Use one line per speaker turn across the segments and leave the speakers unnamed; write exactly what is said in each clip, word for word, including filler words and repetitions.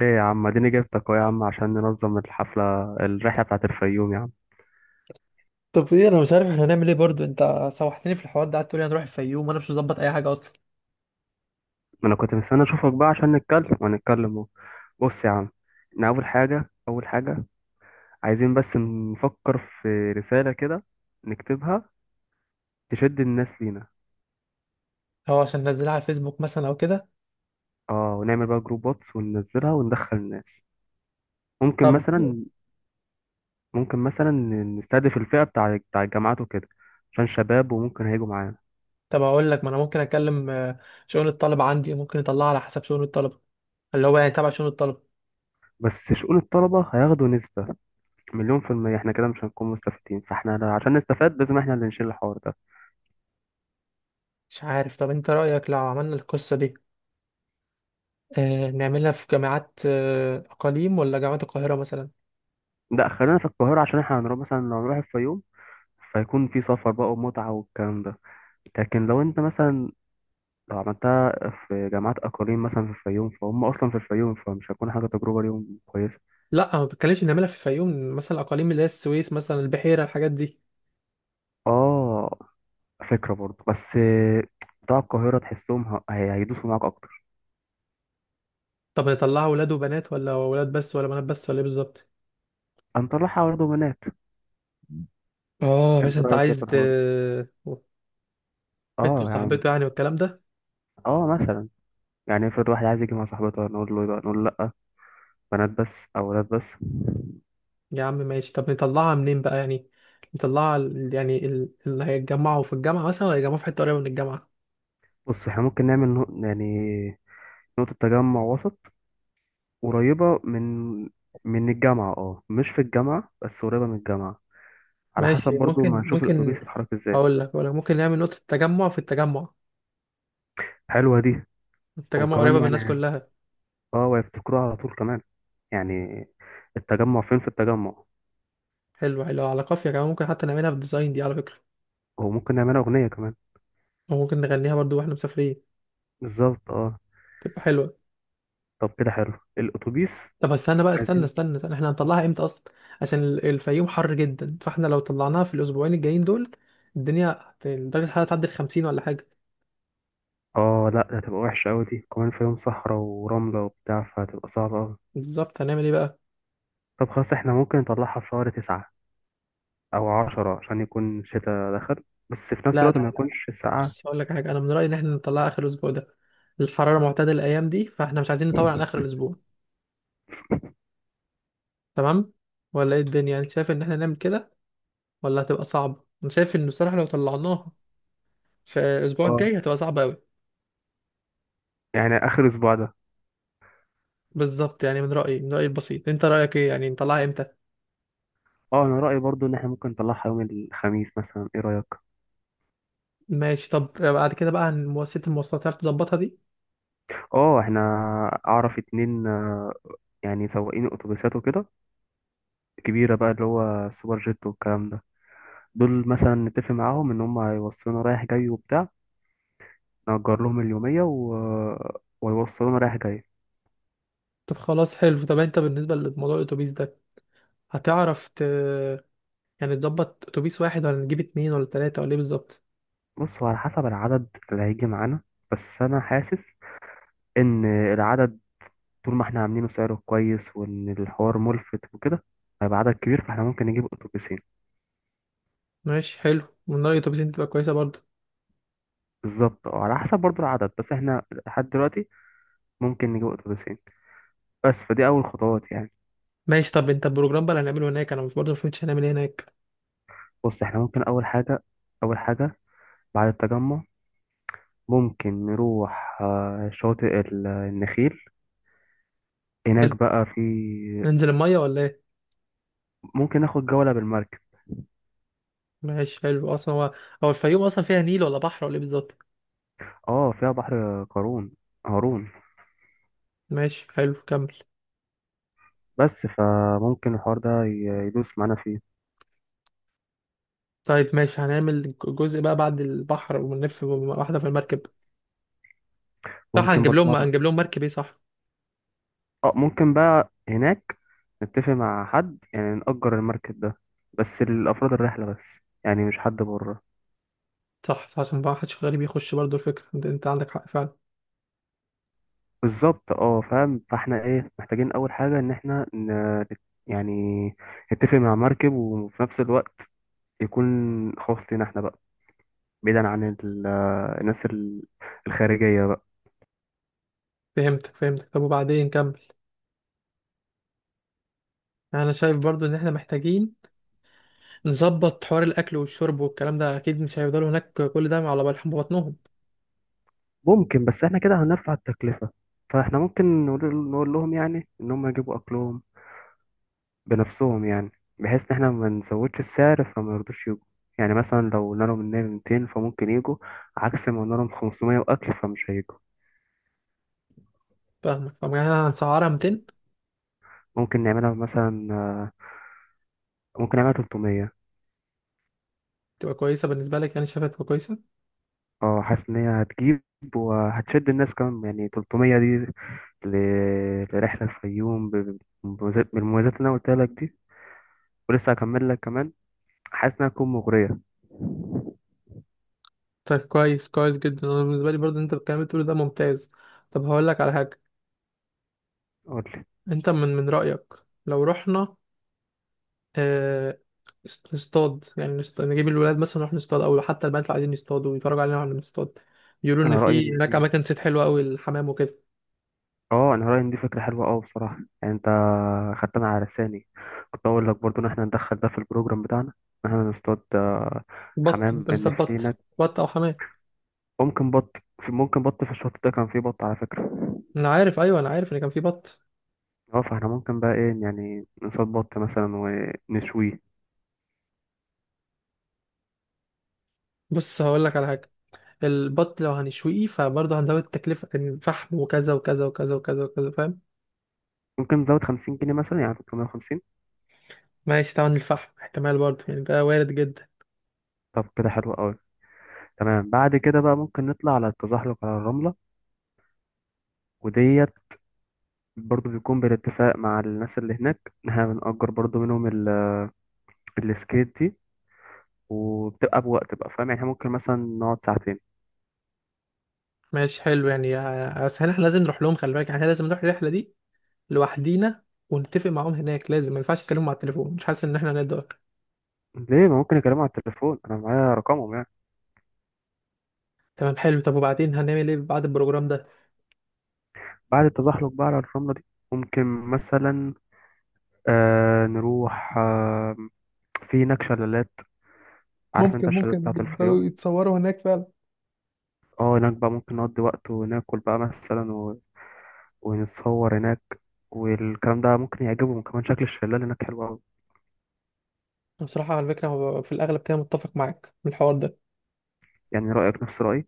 ايه يا عم، اديني جبتك اهو يا عم، عشان ننظم الحفلة الرحلة بتاعت الفيوم يا عم.
طب ايه، انا مش عارف احنا هنعمل ايه برضو. انت سوحتني في الحوار ده، قعدت تقولي هنروح الفيوم وانا مش مظبط اي حاجه اصلا.
ما انا كنت مستني اشوفك بقى عشان نتكلم ونتكلم اهو. بص يا عم، احنا اول حاجة اول حاجة عايزين بس نفكر في رسالة كده نكتبها، تشد الناس لينا.
هو عشان ننزلها على الفيسبوك مثلا او كده؟
اه، ونعمل بقى جروب واتس وننزلها وندخل الناس. ممكن
طب
مثلا ممكن مثلا نستهدف الفئة بتاع بتاع الجامعات وكده، عشان شباب وممكن هيجوا معانا.
طب اقول لك، ما انا ممكن اكلم آه، شؤون الطلبه عندي، ممكن اطلعها على حسب شؤون الطلبه، اللي هو يعني تبع شؤون الطلبه.
بس شؤون الطلبة هياخدوا نسبة مليون في المية، احنا كده مش هنكون مستفيدين، فاحنا لو- عشان نستفاد لازم احنا اللي نشيل الحوار ده.
مش عارف، طب انت رايك لو عملنا القصه دي آه، نعملها في جامعات آه، اقاليم ولا جامعات القاهره مثلا؟
لا، خلينا في القاهرة عشان احنا هنروح مثلا، لو هنروح الفيوم فيكون في سفر بقى ومتعة والكلام ده. لكن لو انت مثلا لو عملتها في جامعات أقاليم مثلا في الفيوم، فهم أصلا في الفيوم، فمش هتكون حاجة تجربة ليهم كويسة.
لا، ما بتكلمش نعملها في الفيوم مثلا، الاقاليم اللي هي السويس مثلا، البحيره، الحاجات دي.
اه، فكرة برضه، بس بتوع القاهرة تحسهم ه- هي- هيدوسوا معاك أكتر.
طب نطلعها ولاد وبنات ولا ولاد بس ولا بنات بس ولا ايه بالظبط؟
هنطلعها برضه بنات.
اه، مش
انت
انت
رأيك ايه في
عايز ت...
الحوار ده؟
بنت
اه يا عم.
وصاحبته يعني والكلام ده؟
اه مثلا، يعني افرض واحد عايز يجي مع صاحبته نقول له نقول له لا، بنات بس او ولاد بس.
يا عم ماشي. طب نطلعها منين بقى يعني؟ نطلعها ال- يعني ال- اللي هيتجمعوا في الجامعة مثلا، ولا هيتجمعوا في حتة قريبة من الجامعة؟
بص، احنا ممكن نعمل نو- يعني نقطة تجمع وسط، قريبة من من الجامعة. اه، مش في الجامعة بس قريبة من الجامعة، على حسب
ماشي،
برضو ما
ممكن
نشوف الأتوبيس
ممكن
يتحرك ازاي.
هقول لك، ولا ممكن نعمل نقطة تجمع في التجمع؟
حلوة دي،
التجمع
وكمان
قريبة من الناس
يعني
كلها.
اه ويفتكروها على طول كمان، يعني التجمع فين؟ في التجمع.
حلو حلو، على قافية كمان، ممكن حتى نعملها في الديزاين دي على فكرة.
وممكن نعملها أغنية كمان.
وممكن نغنيها برضو واحنا مسافرين،
بالظبط اه.
تبقى حلوة.
طب كده حلو الأتوبيس.
طب استنى بقى، استنى
عايزين.
استنى, استنى. احنا هنطلعها امتى اصلا؟ عشان ال- الفيوم حر جدا، فاحنا لو طلعناها في الاسبوعين الجايين دول، الدنيا هت- درجة الحرارة تعدي ال خمسين ولا حاجة.
اه، لا ده هتبقى وحشة أوي دي، كمان في يوم صحراء ورملة وبتاع، فهتبقى صعبة أوي.
بالظبط، هنعمل ايه بقى؟
طب خلاص، احنا ممكن نطلعها في شهر تسعة أو عشرة عشان يكون الشتاء دخل، بس في نفس
لا
الوقت ما
لا لا لا
يكونش ساقعة.
بص هقول لك حاجة، انا من رأيي ان احنا نطلعها اخر الاسبوع ده. الحرارة معتدلة الايام دي، فاحنا مش عايزين نطول عن اخر الاسبوع، تمام؟ ولا ايه الدنيا يعني؟ انت شايف ان احنا نعمل كده ولا هتبقى صعبة؟ انا شايف ان الصراحة لو طلعناها في الاسبوع الجاي
اه،
هتبقى صعبة قوي.
يعني آخر أسبوع ده.
بالظبط، يعني من رأيي من رأيي البسيط، انت رأيك ايه يعني نطلعها امتى؟
اه، أنا رأيي برضو إن احنا ممكن نطلعها يوم الخميس مثلا، ايه رأيك؟
ماشي. طب بعد كده بقى عن مؤسسة المواصلات، هتعرف تظبطها دي؟
اه احنا أعرف اتنين، آه، يعني سواقين أتوبيسات وكده كبيرة بقى، اللي هو سوبر جيت والكلام ده. دول مثلا نتفق معاهم إن هم هيوصلونا رايح جاي وبتاع، نأجر لهم اليومية و... ويوصلونا رايح جاي.
طب خلاص حلو. طب انت بالنسبة لموضوع الأتوبيس ده، هتعرف ت... يعني تظبط أتوبيس واحد، ولا نجيب اتنين ولا تلاتة ولا ايه بالظبط؟
بص، هو على حسب العدد اللي هيجي معانا، بس أنا حاسس إن العدد، طول ما احنا عاملينه سعره كويس وان الحوار ملفت وكده، هيبقى عدد كبير فاحنا ممكن نجيب اتوبيسين.
ماشي حلو، من رأيي الأتوبيسين تبقى كويسة برضه.
بالظبط اه، على حسب برضو العدد، بس احنا لحد دلوقتي ممكن نجيب اتوبيسين، بس فدي اول خطوات يعني.
ماشي. طب انت البروجرام بقى اللي هنعمله هناك، انا مش برضه مفهمتش هنعمل ايه هناك.
بص، احنا ممكن اول حاجة اول حاجة بعد التجمع، ممكن نروح آه، شاطئ ال- النخيل. هناك
حلو،
بقى في،
ننزل المية ولا ايه؟
ممكن ناخد جولة بالمركب.
ماشي حلو. اصلا هو، هو الفيوم اصلا فيها نيل ولا بحر ولا ايه بالظبط؟
اه، فيها بحر قارون، هارون.
ماشي حلو، كمل.
بس فممكن الحوار ده ي- يدوس معانا فيه.
طيب ماشي، هنعمل جزء بقى بعد البحر ونلف واحدة في المركب؟ صح،
ممكن
هنجيب
برضو.
لهم، هنجيب لهم مركب، ايه صح؟
اه، ممكن بقى هناك نتفق مع حد يعني نأجر المركب ده بس لأفراد الرحلة بس، يعني مش حد بره.
صح صح، عشان بقى محدش غريب يخش برضو، الفكرة انت انت عندك حق فعلا.
بالظبط اه، فاهم، فاحنا ايه محتاجين؟ أول حاجة إن احنا ن... يعني نتفق مع مركب، وفي نفس الوقت يكون خاص لينا احنا بقى، بعيدا عن ال- الناس ال- الخارجية بقى.
فهمتك فهمتك. طب وبعدين، كمل. يعني انا شايف برضو ان احنا محتاجين نظبط حوار الاكل والشرب والكلام ده، اكيد مش هيفضلوا هناك كل ده على بالهم بطنهم.
ممكن، بس احنا كده هنرفع التكلفة، فاحنا ممكن نقول نقول لهم يعني إن هم يجيبوا أكلهم بنفسهم يعني، بحيث ان احنا ما نزودش السعر فما يرضوش يجوا. يعني مثلا لو قلنا لهم ان هي ميتين، فممكن يجوا. عكس ما قلنا لهم خمسمائة واكل فمش هيجوا.
فاهمك. طب يعني انا هنسعرها مئتين؟
ممكن نعملها مثلا آه، ممكن نعملها تلتميه.
تبقى كويسة بالنسبة لك يعني، شايفها تبقى كويسة؟
اه، حاسس ان هي هتجيب وهتشد الناس كمان، يعني تلتميه دي ل- لرحلة الفيوم ب- بمميزات- بالمميزات اللي انا قلتها لك دي، ولسه هكمل لك كمان. حاسس انها تكون مغرية.
طيب كويس، كويس جدا. انا بالنسبة لي برضو، انت الكلام اللي بتقوله ده ممتاز. طب هقول لك على حاجة.
قول لي.
انت من من رأيك لو رحنا آه، نص- نصطاد يعني، نصط... نجيب الولاد مثلا، نروح نصطاد، او حتى البنات اللي عايزين يصطادوا يتفرجوا علينا واحنا بنصطاد؟ يقولوا ان
انا
في
رأيي،
هناك اماكن صيد حلوه قوي، الحمام وكده.
اه انا رايي ان دي فكره حلوه قوي بصراحه، يعني انت خدتنا على لساني، كنت اقول لك برضو ان احنا ندخل ده في البروجرام بتاعنا، ان احنا نصطاد آه،
بط،
حمام،
ممكن
ان
نصطاد
في
بط
هناك
بط او حمام.
ممكن بط. في ممكن بط في الشط ده كان فيه بط على فكره.
انا عارف، ايوه انا عارف ان كان في بط.
اه فاحنا ممكن بقى ايه، يعني نصطاد بط مثلا ونشويه.
بص هقول لك على حاجه، البط لو هنشويه فبرضه هنزود التكلفه، كان فحم وكذا وكذا وكذا وكذا وكذا، فاهم؟
ممكن نزود خمسين جنيه مثلا، يعني تلتميه وخمسين.
ماشي، طبعا الفحم احتمال برضه يعني، ده وارد جدا.
طب كده حلو قوي. تمام، بعد كده بقى ممكن نطلع على التزحلق على الرمله وديت، برضو بيكون بالاتفاق مع الناس اللي هناك ان احنا بنأجر برضو منهم ال- السكيت دي، وبتبقى بوقت بقى فاهم، يعني إحنا ممكن مثلا نقعد ساعتين.
ماشي حلو يعني. آه، بس احنا لازم نروح لهم، خلي بالك يعني، احنا لازم نروح الرحله دي لوحدينا ونتفق معاهم هناك، لازم، ما ينفعش نتكلم على التليفون، مش حاسس ان احنا نقدر.
ليه؟ ما ممكن اكلمه على التليفون، انا معايا رقمهم يعني.
تمام حلو. طب وبعدين هنعمل ايه بعد البروجرام ده؟
بعد التزحلق بقى على الرملة دي، ممكن مثلا آه نروح آه في هناك شلالات، عارف انت
ممكن
الشلالات
ممكن
بتاعت الفيوم.
يفضلوا يتصوروا هناك فعلا.
اه، هناك بقى ممكن نقضي وقت وناكل بقى مثلا و... ونتصور هناك، والكلام ده ممكن يعجبهم كمان، شكل الشلال هناك حلو قوي.
بصراحة على فكرة هو في الأغلب كده متفق معاك من الحوار ده،
يعني رأيك نفس رأيي.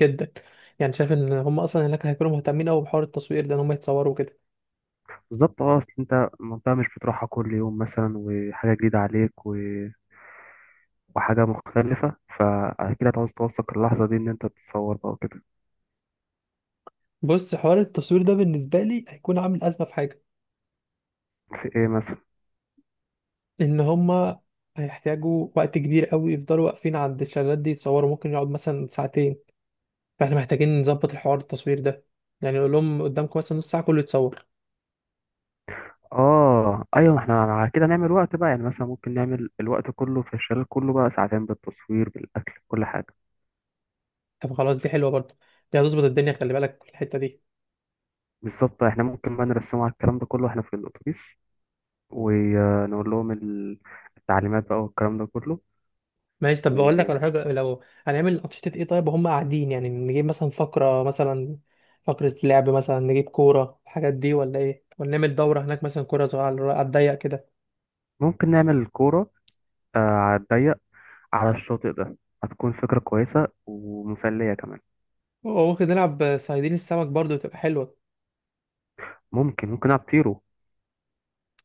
جدا. يعني شايف إن هم أصلا هناك هيكونوا مهتمين أوي بحوار التصوير ده، إن هم يتصوروا كده.
بالظبط اه، اصل انت المنطقة مش بتروحها كل يوم مثلا، وحاجة جديدة عليك و... وحاجة مختلفة، فأكيد هتعوز توثق اللحظة دي إن أنت تتصور بقى وكده.
بص، حوار التصوير ده بالنسبة لي هيكون عامل أزمة في حاجة،
في إيه مثلا؟
إن هم هيحتاجوا وقت كبير أوي، يفضلوا واقفين عند الشلالات دي يتصوروا، ممكن يقعد مثلا ساعتين. فاحنا محتاجين نظبط الحوار التصوير ده، يعني نقول لهم قدامكم مثلا نص ساعه كله يتصور.
آه أيوة، ما إحنا على كده نعمل وقت بقى، يعني مثلا ممكن نعمل الوقت كله في الشلال كله بقى ساعتين، بالتصوير بالأكل كل حاجة.
طب خلاص، دي حلوه برضه، دي هتظبط الدنيا، خلي بالك في الحته دي.
بالظبط، إحنا ممكن بقى نرسمه على الكلام ده كله، إحنا في الأتوبيس ونقول لهم ال- التعليمات بقى والكلام ده كله.
ماشي. طب بقول لك على
وممكن
حاجه، لو هنعمل انشطه ايه طيب وهم قاعدين؟ يعني نجيب مثلا فقره مثلا، فقره لعب مثلا، نجيب كوره الحاجات دي ولا ايه؟ ولا نعمل دوره هناك مثلا، كوره صغيره على على الضيق كده؟
نعمل كورة، آه، على الضيق، على الشاطئ ده، هتكون فكرة كويسة ومسلية كمان.
وممكن نلعب صيادين السمك برضه، تبقى حلوه.
ممكن ممكن أطيره.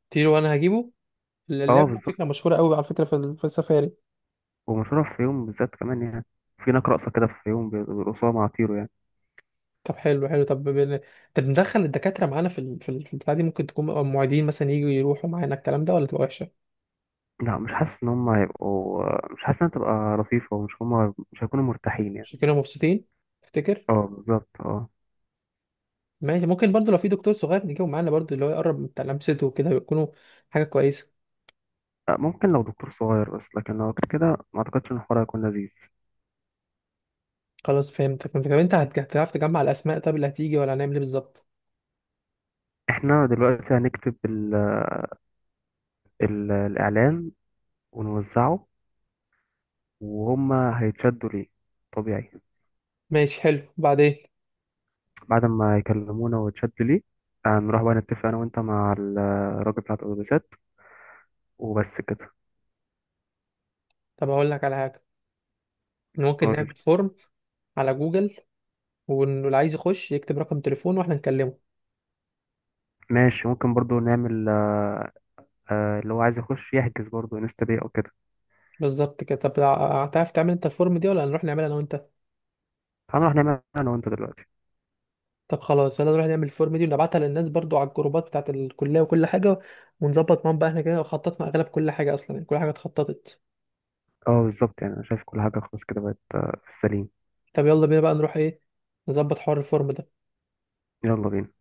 تيرو وانا هجيبه،
اه
اللعبه دي
بالظبط،
فكره مشهوره قوي على فكره في ال- في السفاري.
ومشهورة في يوم بالذات كمان، يعني في هناك رقصة كده، في يوم بيرقصوها مع طيرو يعني.
طب حلو حلو. طب بال- طب ندخل الدكاترة معانا في ال... في ال- في البتاع دي، ممكن تكون المعيدين مثلا يجوا يروحوا معانا الكلام ده، ولا تبقى وحشة؟
لا مش حاسس إن هما هيبقوا، مش حاسس إنها تبقى لطيفة، ومش هما مش هيكونوا مرتاحين يعني.
عشان كده مبسوطين، تفتكر؟
اه بالظبط اه.
ماشي. ممكن برضو لو في دكتور صغير نجيبه معانا برضو، اللي هو يقرب من لمسته وكده، يكونوا حاجة كويسة.
آه، ممكن لو دكتور صغير بس، لكن لو غير كده ما أعتقدش إن الحوار هيكون لذيذ.
خلاص فهمتك فهمتك. طب انت هت- هتعرف تجمع الأسماء طب اللي هتيجي، ولا هنعمل ايه بالظبط؟
إحنا دلوقتي هنكتب ال... ال... الإعلان ونوزعه، وهما هيتشدوا ليه طبيعي.
ماشي حلو. بعدين؟
بعد ما يكلمونا ويتشدوا ليه، آه، نروح بقى نتفق أنا وأنت مع الراجل بتاع الأوتوبيسات وبس كده.
طب هقول لك على حاجة، إن ممكن
قول.
نعمل فورم على جوجل، واللي عايز يخش يكتب رقم تليفونه واحنا نكلمه.
ماشي، ممكن برضو نعمل، آه لو عايز يخش يحجز برضو انستا باي او كده.
بالظبط كده. طب هتعرف تعمل انت الفورم دي، ولا هنروح نعملها انا وانت؟
هنروح نعمل انا وانت دلوقتي.
طب خلاص، يلا نروح نعمل الفورم دي ونبعتها للناس برضو على الجروبات بتاعت الكلية وكل حاجة، ونظبط معاهم بقى. احنا كده خططنا اغلب كل حاجة اصلا، يعني كل حاجة اتخططت.
اه بالظبط، يعني انا شايف كل حاجه خلاص كده بقت، آه، في السليم.
طب يلا بينا بقى، نروح ايه، نظبط حوار الفورم ده.
يلا بينا